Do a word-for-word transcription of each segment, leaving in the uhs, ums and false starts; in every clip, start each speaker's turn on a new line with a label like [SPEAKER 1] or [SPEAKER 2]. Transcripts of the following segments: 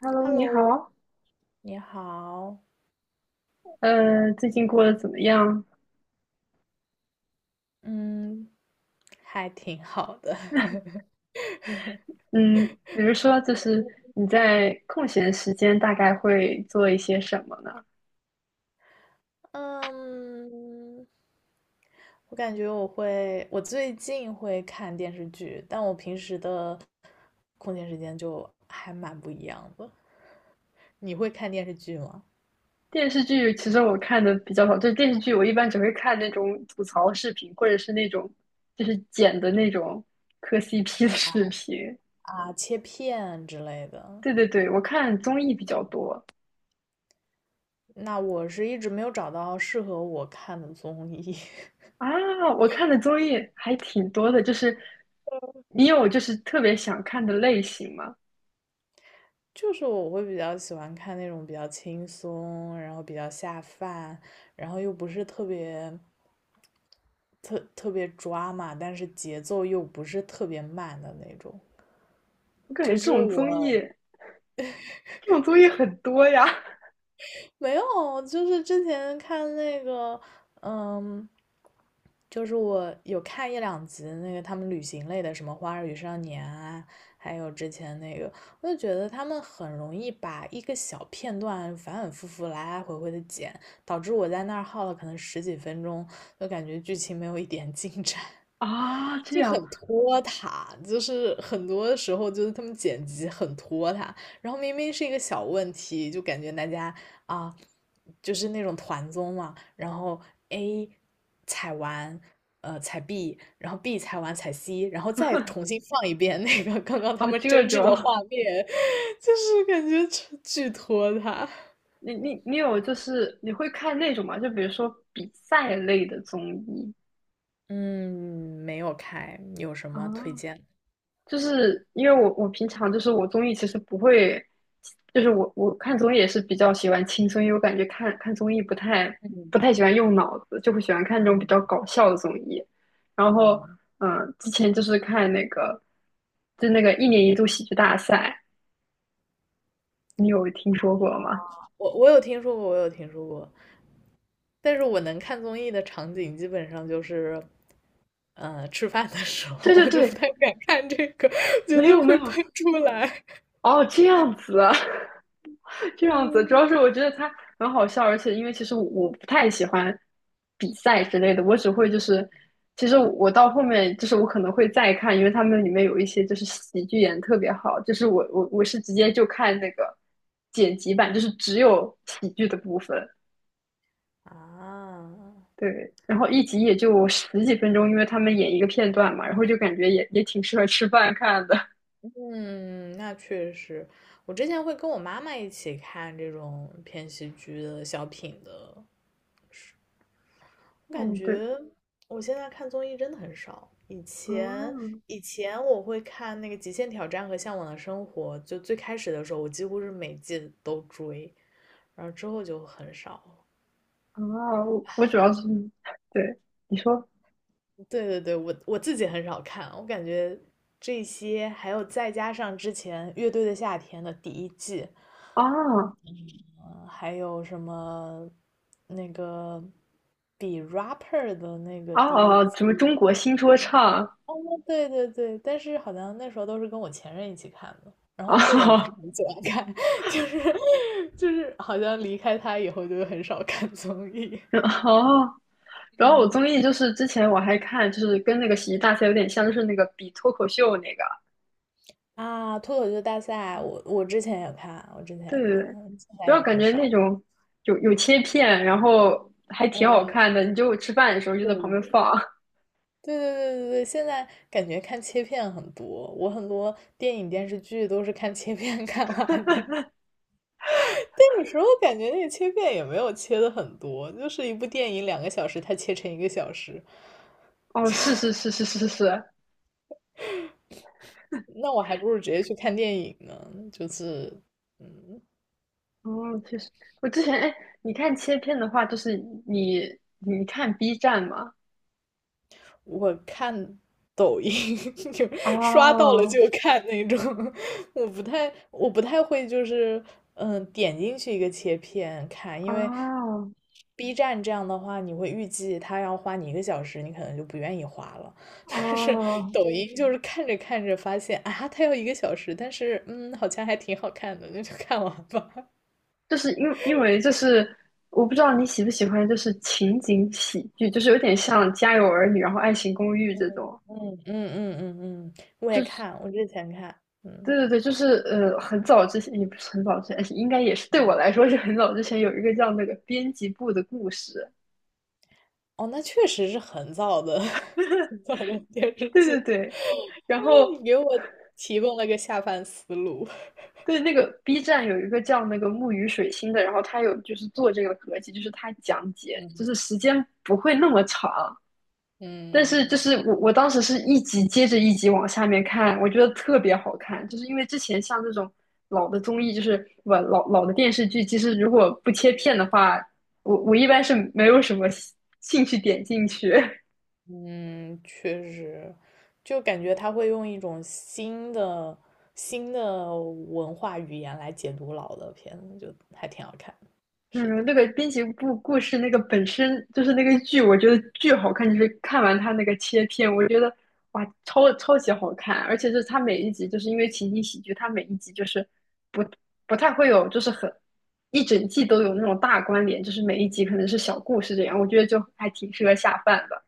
[SPEAKER 1] Hello，你
[SPEAKER 2] Hello，
[SPEAKER 1] 好，
[SPEAKER 2] 你好，
[SPEAKER 1] 呃，最近过得怎么样？
[SPEAKER 2] 嗯，还挺好的。
[SPEAKER 1] 嗯，比如说，就是你在空闲时间大概会做一些什么呢？
[SPEAKER 2] 嗯，我感觉我会，我最近会看电视剧，但我平时的空闲时间就还蛮不一样的。你会看电视剧吗？
[SPEAKER 1] 电视剧其实我看的比较少，就是电视剧我一般只会看那种吐槽视频，或者是那种就是剪的那种磕 C P 的视频。
[SPEAKER 2] 啊，切片之类的。
[SPEAKER 1] 对对对，我看综艺比较多
[SPEAKER 2] 那我是一直没有找到适合我看的综艺，
[SPEAKER 1] 啊，我看的综艺还挺多的，就是你有就是特别想看的类型吗？
[SPEAKER 2] 就是我会比较喜欢看那种比较轻松，然后比较下饭，然后又不是特别特特别抓嘛，但是节奏又不是特别慢的那种。
[SPEAKER 1] 我感觉
[SPEAKER 2] 就
[SPEAKER 1] 这
[SPEAKER 2] 是
[SPEAKER 1] 种综艺，
[SPEAKER 2] 我
[SPEAKER 1] 这种综艺很多呀。
[SPEAKER 2] 没有，就是之前看那个，嗯，就是我有看一两集那个他们旅行类的，什么《花儿与少年》啊，还有之前那个，我就觉得他们很容易把一个小片段反反复复、来来回回的剪，导致我在那儿耗了可能十几分钟，就感觉剧情没有一点进展。
[SPEAKER 1] 啊，这
[SPEAKER 2] 就
[SPEAKER 1] 样
[SPEAKER 2] 很拖沓，就是很多时候就是他们剪辑很拖沓，然后明明是一个小问题，就感觉大家啊，就是那种团综嘛，然后 A 踩完，呃踩 B，然后 B 踩完踩 C，然后再重新放一遍那个刚刚他
[SPEAKER 1] 啊，
[SPEAKER 2] 们
[SPEAKER 1] 这
[SPEAKER 2] 争执的
[SPEAKER 1] 种
[SPEAKER 2] 画面，就是感觉巨巨拖沓。
[SPEAKER 1] 你你你有就是你会看那种吗？就比如说比赛类的综艺
[SPEAKER 2] 嗯，没有开，有什么推
[SPEAKER 1] 啊，
[SPEAKER 2] 荐？
[SPEAKER 1] 就是因为我我平常就是我综艺其实不会，就是我我看综艺也是比较喜欢轻松，因为我感觉看看综艺不太不太喜欢用脑子，就会喜欢看那种比
[SPEAKER 2] 嗯
[SPEAKER 1] 较搞笑的综艺。然后
[SPEAKER 2] 嗯，
[SPEAKER 1] 嗯，呃之前就是看那个就那个一年一度喜剧大赛，你有听说过吗？
[SPEAKER 2] 我我有听说过，我有听说过。但是我能看综艺的场景基本上就是，呃，吃饭的时候，
[SPEAKER 1] 对对
[SPEAKER 2] 我就不
[SPEAKER 1] 对，
[SPEAKER 2] 太敢看这个，觉
[SPEAKER 1] 没
[SPEAKER 2] 得
[SPEAKER 1] 有没
[SPEAKER 2] 会喷
[SPEAKER 1] 有，
[SPEAKER 2] 出来。
[SPEAKER 1] 哦，这样子啊，这样子，主
[SPEAKER 2] 嗯
[SPEAKER 1] 要是我觉得他很好笑，而且因为其实我我不太喜欢比赛之类的，我只会就是，其实我到后面就是我可能会再看，因为他们里面有一些就是喜剧演得特别好，就是我我我是直接就看那个剪辑版，就是只有喜剧的部分，
[SPEAKER 2] 啊，
[SPEAKER 1] 对，然后一集也就十几分钟，因为他们演一个片段嘛，然后就感觉也也挺适合吃饭看的，
[SPEAKER 2] 嗯，那确实，我之前会跟我妈妈一起看这种偏喜剧的小品的，我感
[SPEAKER 1] 嗯，对，
[SPEAKER 2] 觉我现在看综艺真的很少。以前
[SPEAKER 1] 嗯。
[SPEAKER 2] 以前我会看那个《极限挑战》和《向往的生活》，就最开始的时候，我几乎是每季都追，然后之后就很少。
[SPEAKER 1] 啊，我我主要是，对，你说，
[SPEAKER 2] 对对对，我我自己很少看，我感觉这些还有再加上之前《乐队的夏天》的第一季，
[SPEAKER 1] 啊
[SPEAKER 2] 呃还有什么那个比 rapper 的那个
[SPEAKER 1] 啊，
[SPEAKER 2] 第一
[SPEAKER 1] 什么
[SPEAKER 2] 季，
[SPEAKER 1] 中国新说唱
[SPEAKER 2] 哦，对对对，但是好像那时候都是跟我前任一起看的，然后我个人不是
[SPEAKER 1] 啊
[SPEAKER 2] 很喜欢看，就是就是好像离开他以后就很少看综艺。
[SPEAKER 1] 哦，然后我综
[SPEAKER 2] 嗯，
[SPEAKER 1] 艺就是之前我还看，就是跟那个喜剧大赛有点像，就是那个比脱口秀那个，
[SPEAKER 2] 啊，脱口秀大赛，我我之前也看，我之前
[SPEAKER 1] 对
[SPEAKER 2] 也
[SPEAKER 1] 对
[SPEAKER 2] 看，
[SPEAKER 1] 对，
[SPEAKER 2] 现
[SPEAKER 1] 主
[SPEAKER 2] 在
[SPEAKER 1] 要
[SPEAKER 2] 也
[SPEAKER 1] 感
[SPEAKER 2] 很
[SPEAKER 1] 觉那
[SPEAKER 2] 少
[SPEAKER 1] 种有有切片，然后还挺好
[SPEAKER 2] 嗯，
[SPEAKER 1] 看的，你就吃饭的时候就
[SPEAKER 2] 对
[SPEAKER 1] 在旁
[SPEAKER 2] 对
[SPEAKER 1] 边
[SPEAKER 2] 对
[SPEAKER 1] 放，
[SPEAKER 2] 对对对，现在感觉看切片很多，我很多电影电视剧都是看切片 看完的，但有时候感觉那个切片也没有切的很多，就是一部电影两个小时，它切成一个小时，
[SPEAKER 1] 哦，是是是是是是，
[SPEAKER 2] 那我还不如直接去看电影呢，就是，嗯。
[SPEAKER 1] 哦，确实，我之前哎，你看切片的话，就是你你看 B 站吗？
[SPEAKER 2] 我看抖音 就刷到了
[SPEAKER 1] 哦，
[SPEAKER 2] 就看那种，我不太我不太会就是嗯点进去一个切片看，因为
[SPEAKER 1] 哦
[SPEAKER 2] B 站这样的话，你会预计它要花你一个小时，你可能就不愿意花了。但是
[SPEAKER 1] 哦，
[SPEAKER 2] 抖音就是看着看着发现啊，它要一个小时，但是嗯好像还挺好看的，那就看完吧。
[SPEAKER 1] 就是因因为就是我不知道你喜不喜欢，就是情景喜剧，就是有点像《家有儿 女》然后
[SPEAKER 2] 嗯
[SPEAKER 1] 《爱情公寓》
[SPEAKER 2] 嗯
[SPEAKER 1] 这种，
[SPEAKER 2] 嗯嗯嗯嗯，我
[SPEAKER 1] 就
[SPEAKER 2] 也
[SPEAKER 1] 是
[SPEAKER 2] 看，我之前看，
[SPEAKER 1] 对
[SPEAKER 2] 嗯
[SPEAKER 1] 对对，就是呃，很早之前也不是很早之前，应该也是对我
[SPEAKER 2] 嗯。
[SPEAKER 1] 来说是很早之前有一个叫那个编辑部的故事，
[SPEAKER 2] 哦，那确实是很早的 很早的电视
[SPEAKER 1] 对
[SPEAKER 2] 剧，
[SPEAKER 1] 对对，然
[SPEAKER 2] 因为你
[SPEAKER 1] 后
[SPEAKER 2] 给我提供了个下饭思路。
[SPEAKER 1] 对那个 B 站有一个叫那个木鱼水星的，然后他有就是做这个合集，就是他讲解，就
[SPEAKER 2] 嗯
[SPEAKER 1] 是时间不会那么长。但是就
[SPEAKER 2] 嗯，
[SPEAKER 1] 是我我当时是一集接着一集往下面看，我觉得特别好看，就是因为之前像这种老的综艺，就是不老老的电视剧，其实如果不切片的话，我我一般是没有什么兴兴趣点进去。
[SPEAKER 2] 嗯，确实，就感觉他会用一种新的新的文化语言来解读老的片子，就还挺好看。是的。
[SPEAKER 1] 嗯，那个滨崎步故事那个本身就是那个剧，我觉得巨好看。就是看完它那个切片，我觉得哇，超超级好看。而且就是它每一集，就是因为情景喜剧，它每一集就是不不太会有，就是很一整季都有那种大关联，就是每一集可能是小故事这样。我觉得就还挺适合下饭的。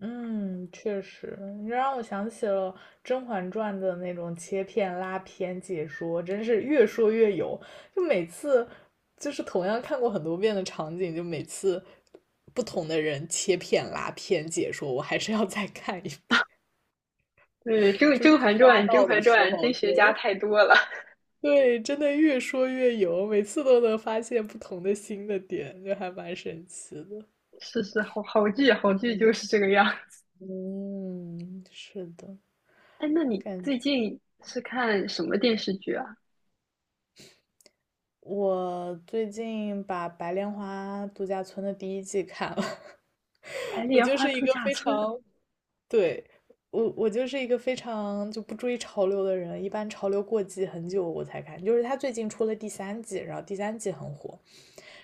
[SPEAKER 2] 嗯，确实，你让我想起了《甄嬛传》的那种切片拉片解说，真是越说越有。就每次就是同样看过很多遍的场景，就每次不同的人切片拉片解说，我还是要再看一遍。
[SPEAKER 1] 对，《甄
[SPEAKER 2] 就是
[SPEAKER 1] 甄嬛
[SPEAKER 2] 刷
[SPEAKER 1] 传》《甄
[SPEAKER 2] 到的
[SPEAKER 1] 嬛
[SPEAKER 2] 时
[SPEAKER 1] 传》
[SPEAKER 2] 候，
[SPEAKER 1] 甄
[SPEAKER 2] 对
[SPEAKER 1] 学家太多了，
[SPEAKER 2] 对，真的越说越有，每次都能发现不同的新的点，就还蛮神奇的。
[SPEAKER 1] 是是，好好剧好剧就是这个样。
[SPEAKER 2] 嗯，是的，
[SPEAKER 1] 哎，那你
[SPEAKER 2] 感
[SPEAKER 1] 最
[SPEAKER 2] 觉。
[SPEAKER 1] 近是看什么电视剧啊？
[SPEAKER 2] 我最近把《白莲花度假村》的第一季看了，
[SPEAKER 1] 白
[SPEAKER 2] 我
[SPEAKER 1] 莲
[SPEAKER 2] 就
[SPEAKER 1] 花
[SPEAKER 2] 是一
[SPEAKER 1] 度
[SPEAKER 2] 个
[SPEAKER 1] 假
[SPEAKER 2] 非
[SPEAKER 1] 村，
[SPEAKER 2] 常，对，我我就是一个非常就不追潮流的人，一般潮流过季很久我才看，就是他最近出了第三季，然后第三季很火，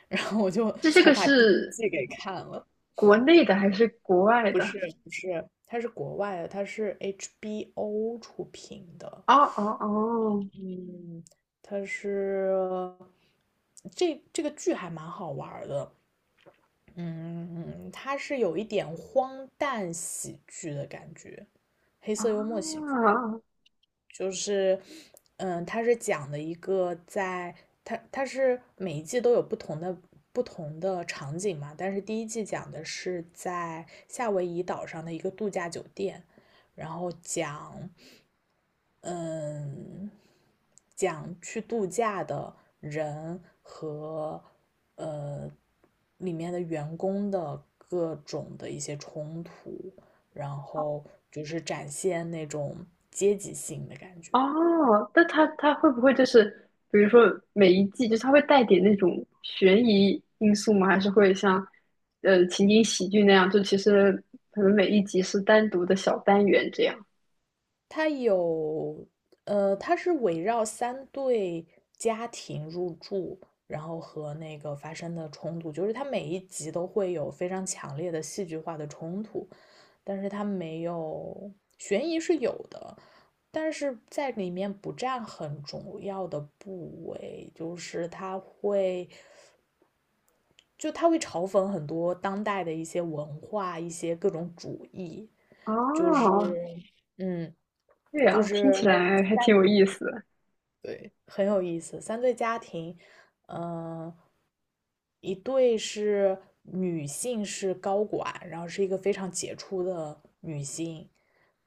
[SPEAKER 2] 然后我就
[SPEAKER 1] 这这
[SPEAKER 2] 才
[SPEAKER 1] 个
[SPEAKER 2] 把第一
[SPEAKER 1] 是
[SPEAKER 2] 季给看了。
[SPEAKER 1] 国内的还是国外
[SPEAKER 2] 不
[SPEAKER 1] 的？
[SPEAKER 2] 是不是，它是国外的，它是 H B O 出品的，
[SPEAKER 1] 哦哦哦
[SPEAKER 2] 嗯，它是这这个剧还蛮好玩儿的。嗯，它是有一点荒诞喜剧的感觉，黑色幽默喜
[SPEAKER 1] 啊
[SPEAKER 2] 剧，就是，嗯，它是讲的一个在它它是每一季都有不同的不同的场景嘛，但是第一季讲的是在夏威夷岛上的一个度假酒店，然后讲嗯，讲去度假的人和呃里面的员工的各种的一些冲突，然后就是展现那种阶级性的感觉。
[SPEAKER 1] 哦，那它它会不会就是，比如说每一季，就是它会带点那种悬疑因素吗？还是会像呃情景喜剧那样，就其实可能每一集是单独的小单元这样？
[SPEAKER 2] 它有呃，它是围绕三对家庭入住，然后和那个发生的冲突，就是它每一集都会有非常强烈的戏剧化的冲突。但是它没有悬疑是有的，但是在里面不占很重要的部位，就是它会就它会嘲讽很多当代的一些文化、一些各种主义，就是
[SPEAKER 1] 哦，
[SPEAKER 2] 嗯，
[SPEAKER 1] 对
[SPEAKER 2] 就
[SPEAKER 1] 啊，听
[SPEAKER 2] 是
[SPEAKER 1] 起来还挺有意思的
[SPEAKER 2] 对，很有意思。三对家庭，嗯、一对是女性是高管，然后是一个非常杰出的女性，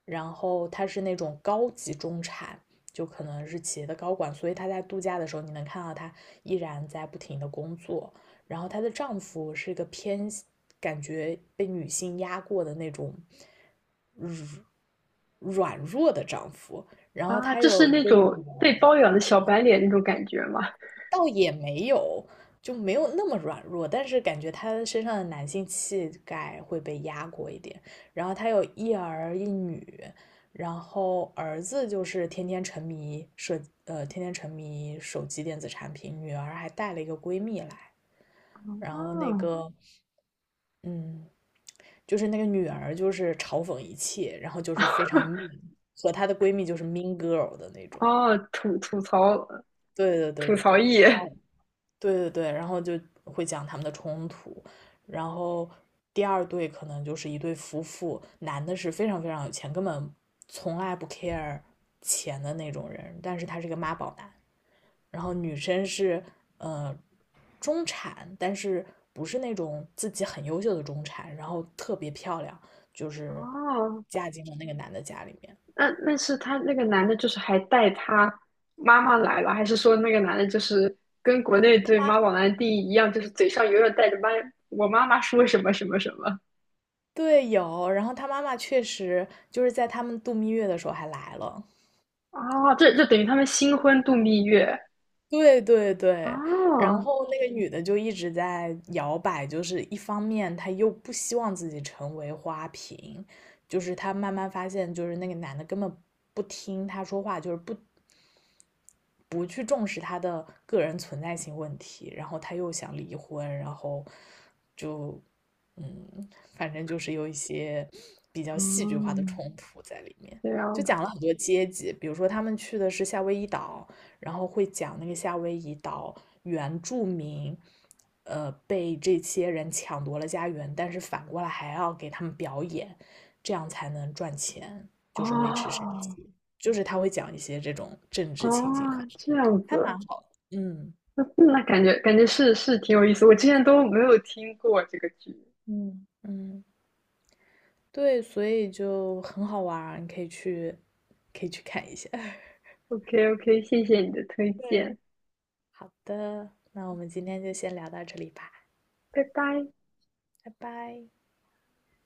[SPEAKER 2] 然后她是那种高级中产，就可能是企业的高管，所以她在度假的时候，你能看到她依然在不停的工作。然后她的丈夫是一个偏感觉被女性压过的那种软弱的丈夫，然后
[SPEAKER 1] 啊，
[SPEAKER 2] 她
[SPEAKER 1] 就是
[SPEAKER 2] 有一
[SPEAKER 1] 那
[SPEAKER 2] 个女
[SPEAKER 1] 种被
[SPEAKER 2] 儿，
[SPEAKER 1] 包养的小白脸那种感觉吗？
[SPEAKER 2] 倒也没有，就没有那么软弱，但是感觉他身上的男性气概会被压过一点。然后他有一儿一女，然后儿子就是天天沉迷设，呃，天天沉迷手机电子产品，女儿还带了一个闺蜜来，然后那
[SPEAKER 1] 哦，
[SPEAKER 2] 个，嗯，就是那个女儿就是嘲讽一切，然后就是非常 mean，和她的闺蜜就是 mean girl 的那种。
[SPEAKER 1] 哦，吐吐槽
[SPEAKER 2] 对对对
[SPEAKER 1] 吐
[SPEAKER 2] 对
[SPEAKER 1] 槽
[SPEAKER 2] 对。
[SPEAKER 1] 艺。
[SPEAKER 2] 对对对，然后就会讲他们的冲突，然后第二对可能就是一对夫妇，男的是非常非常有钱，根本从来不 care 钱的那种人，但是他是个妈宝男，然后女生是呃中产，但是不是那种自己很优秀的中产，然后特别漂亮，就是
[SPEAKER 1] 哦，
[SPEAKER 2] 嫁进了那个男的家里面，
[SPEAKER 1] 那那是他那个男的，就是还带他妈妈来了，还是说那个男的就是跟国内
[SPEAKER 2] 他
[SPEAKER 1] 对
[SPEAKER 2] 妈。
[SPEAKER 1] 妈宝男的定义一样，就是嘴上永远带着妈我妈妈说什么什么什么？
[SPEAKER 2] 对，有，然后他妈妈确实就是在他们度蜜月的时候还来了。
[SPEAKER 1] 哦，这这等于他们新婚度蜜月。
[SPEAKER 2] 对对对，然
[SPEAKER 1] 哦，
[SPEAKER 2] 后那个女的就一直在摇摆，就是一方面她又不希望自己成为花瓶，就是她慢慢发现，就是那个男的根本不听她说话，就是不。不去重视他的个人存在性问题，然后他又想离婚，然后就嗯，反正就是有一些比较戏剧化的
[SPEAKER 1] 嗯，
[SPEAKER 2] 冲突在里面。
[SPEAKER 1] 这样
[SPEAKER 2] 就
[SPEAKER 1] 子。
[SPEAKER 2] 讲了很多阶级，比如说他们去的是夏威夷岛，然后会讲那个夏威夷岛原住民，呃，被这些人抢夺了家园，但是反过来还要给他们表演，这样才能赚钱，就是维持生
[SPEAKER 1] 哦
[SPEAKER 2] 计。就是他会讲一些这种政
[SPEAKER 1] 哦，
[SPEAKER 2] 治情景话题，
[SPEAKER 1] 这样
[SPEAKER 2] 还蛮
[SPEAKER 1] 子，
[SPEAKER 2] 好的。嗯
[SPEAKER 1] 那那感觉感觉是是挺有意思，我之前都没有听过这个剧。
[SPEAKER 2] 嗯，嗯，对，所以就很好玩儿，你可以去可以去看一下。
[SPEAKER 1] OK OK，谢谢你的推荐，
[SPEAKER 2] 对，好的，那我们今天就先聊到这里吧，
[SPEAKER 1] 拜拜。
[SPEAKER 2] 拜拜。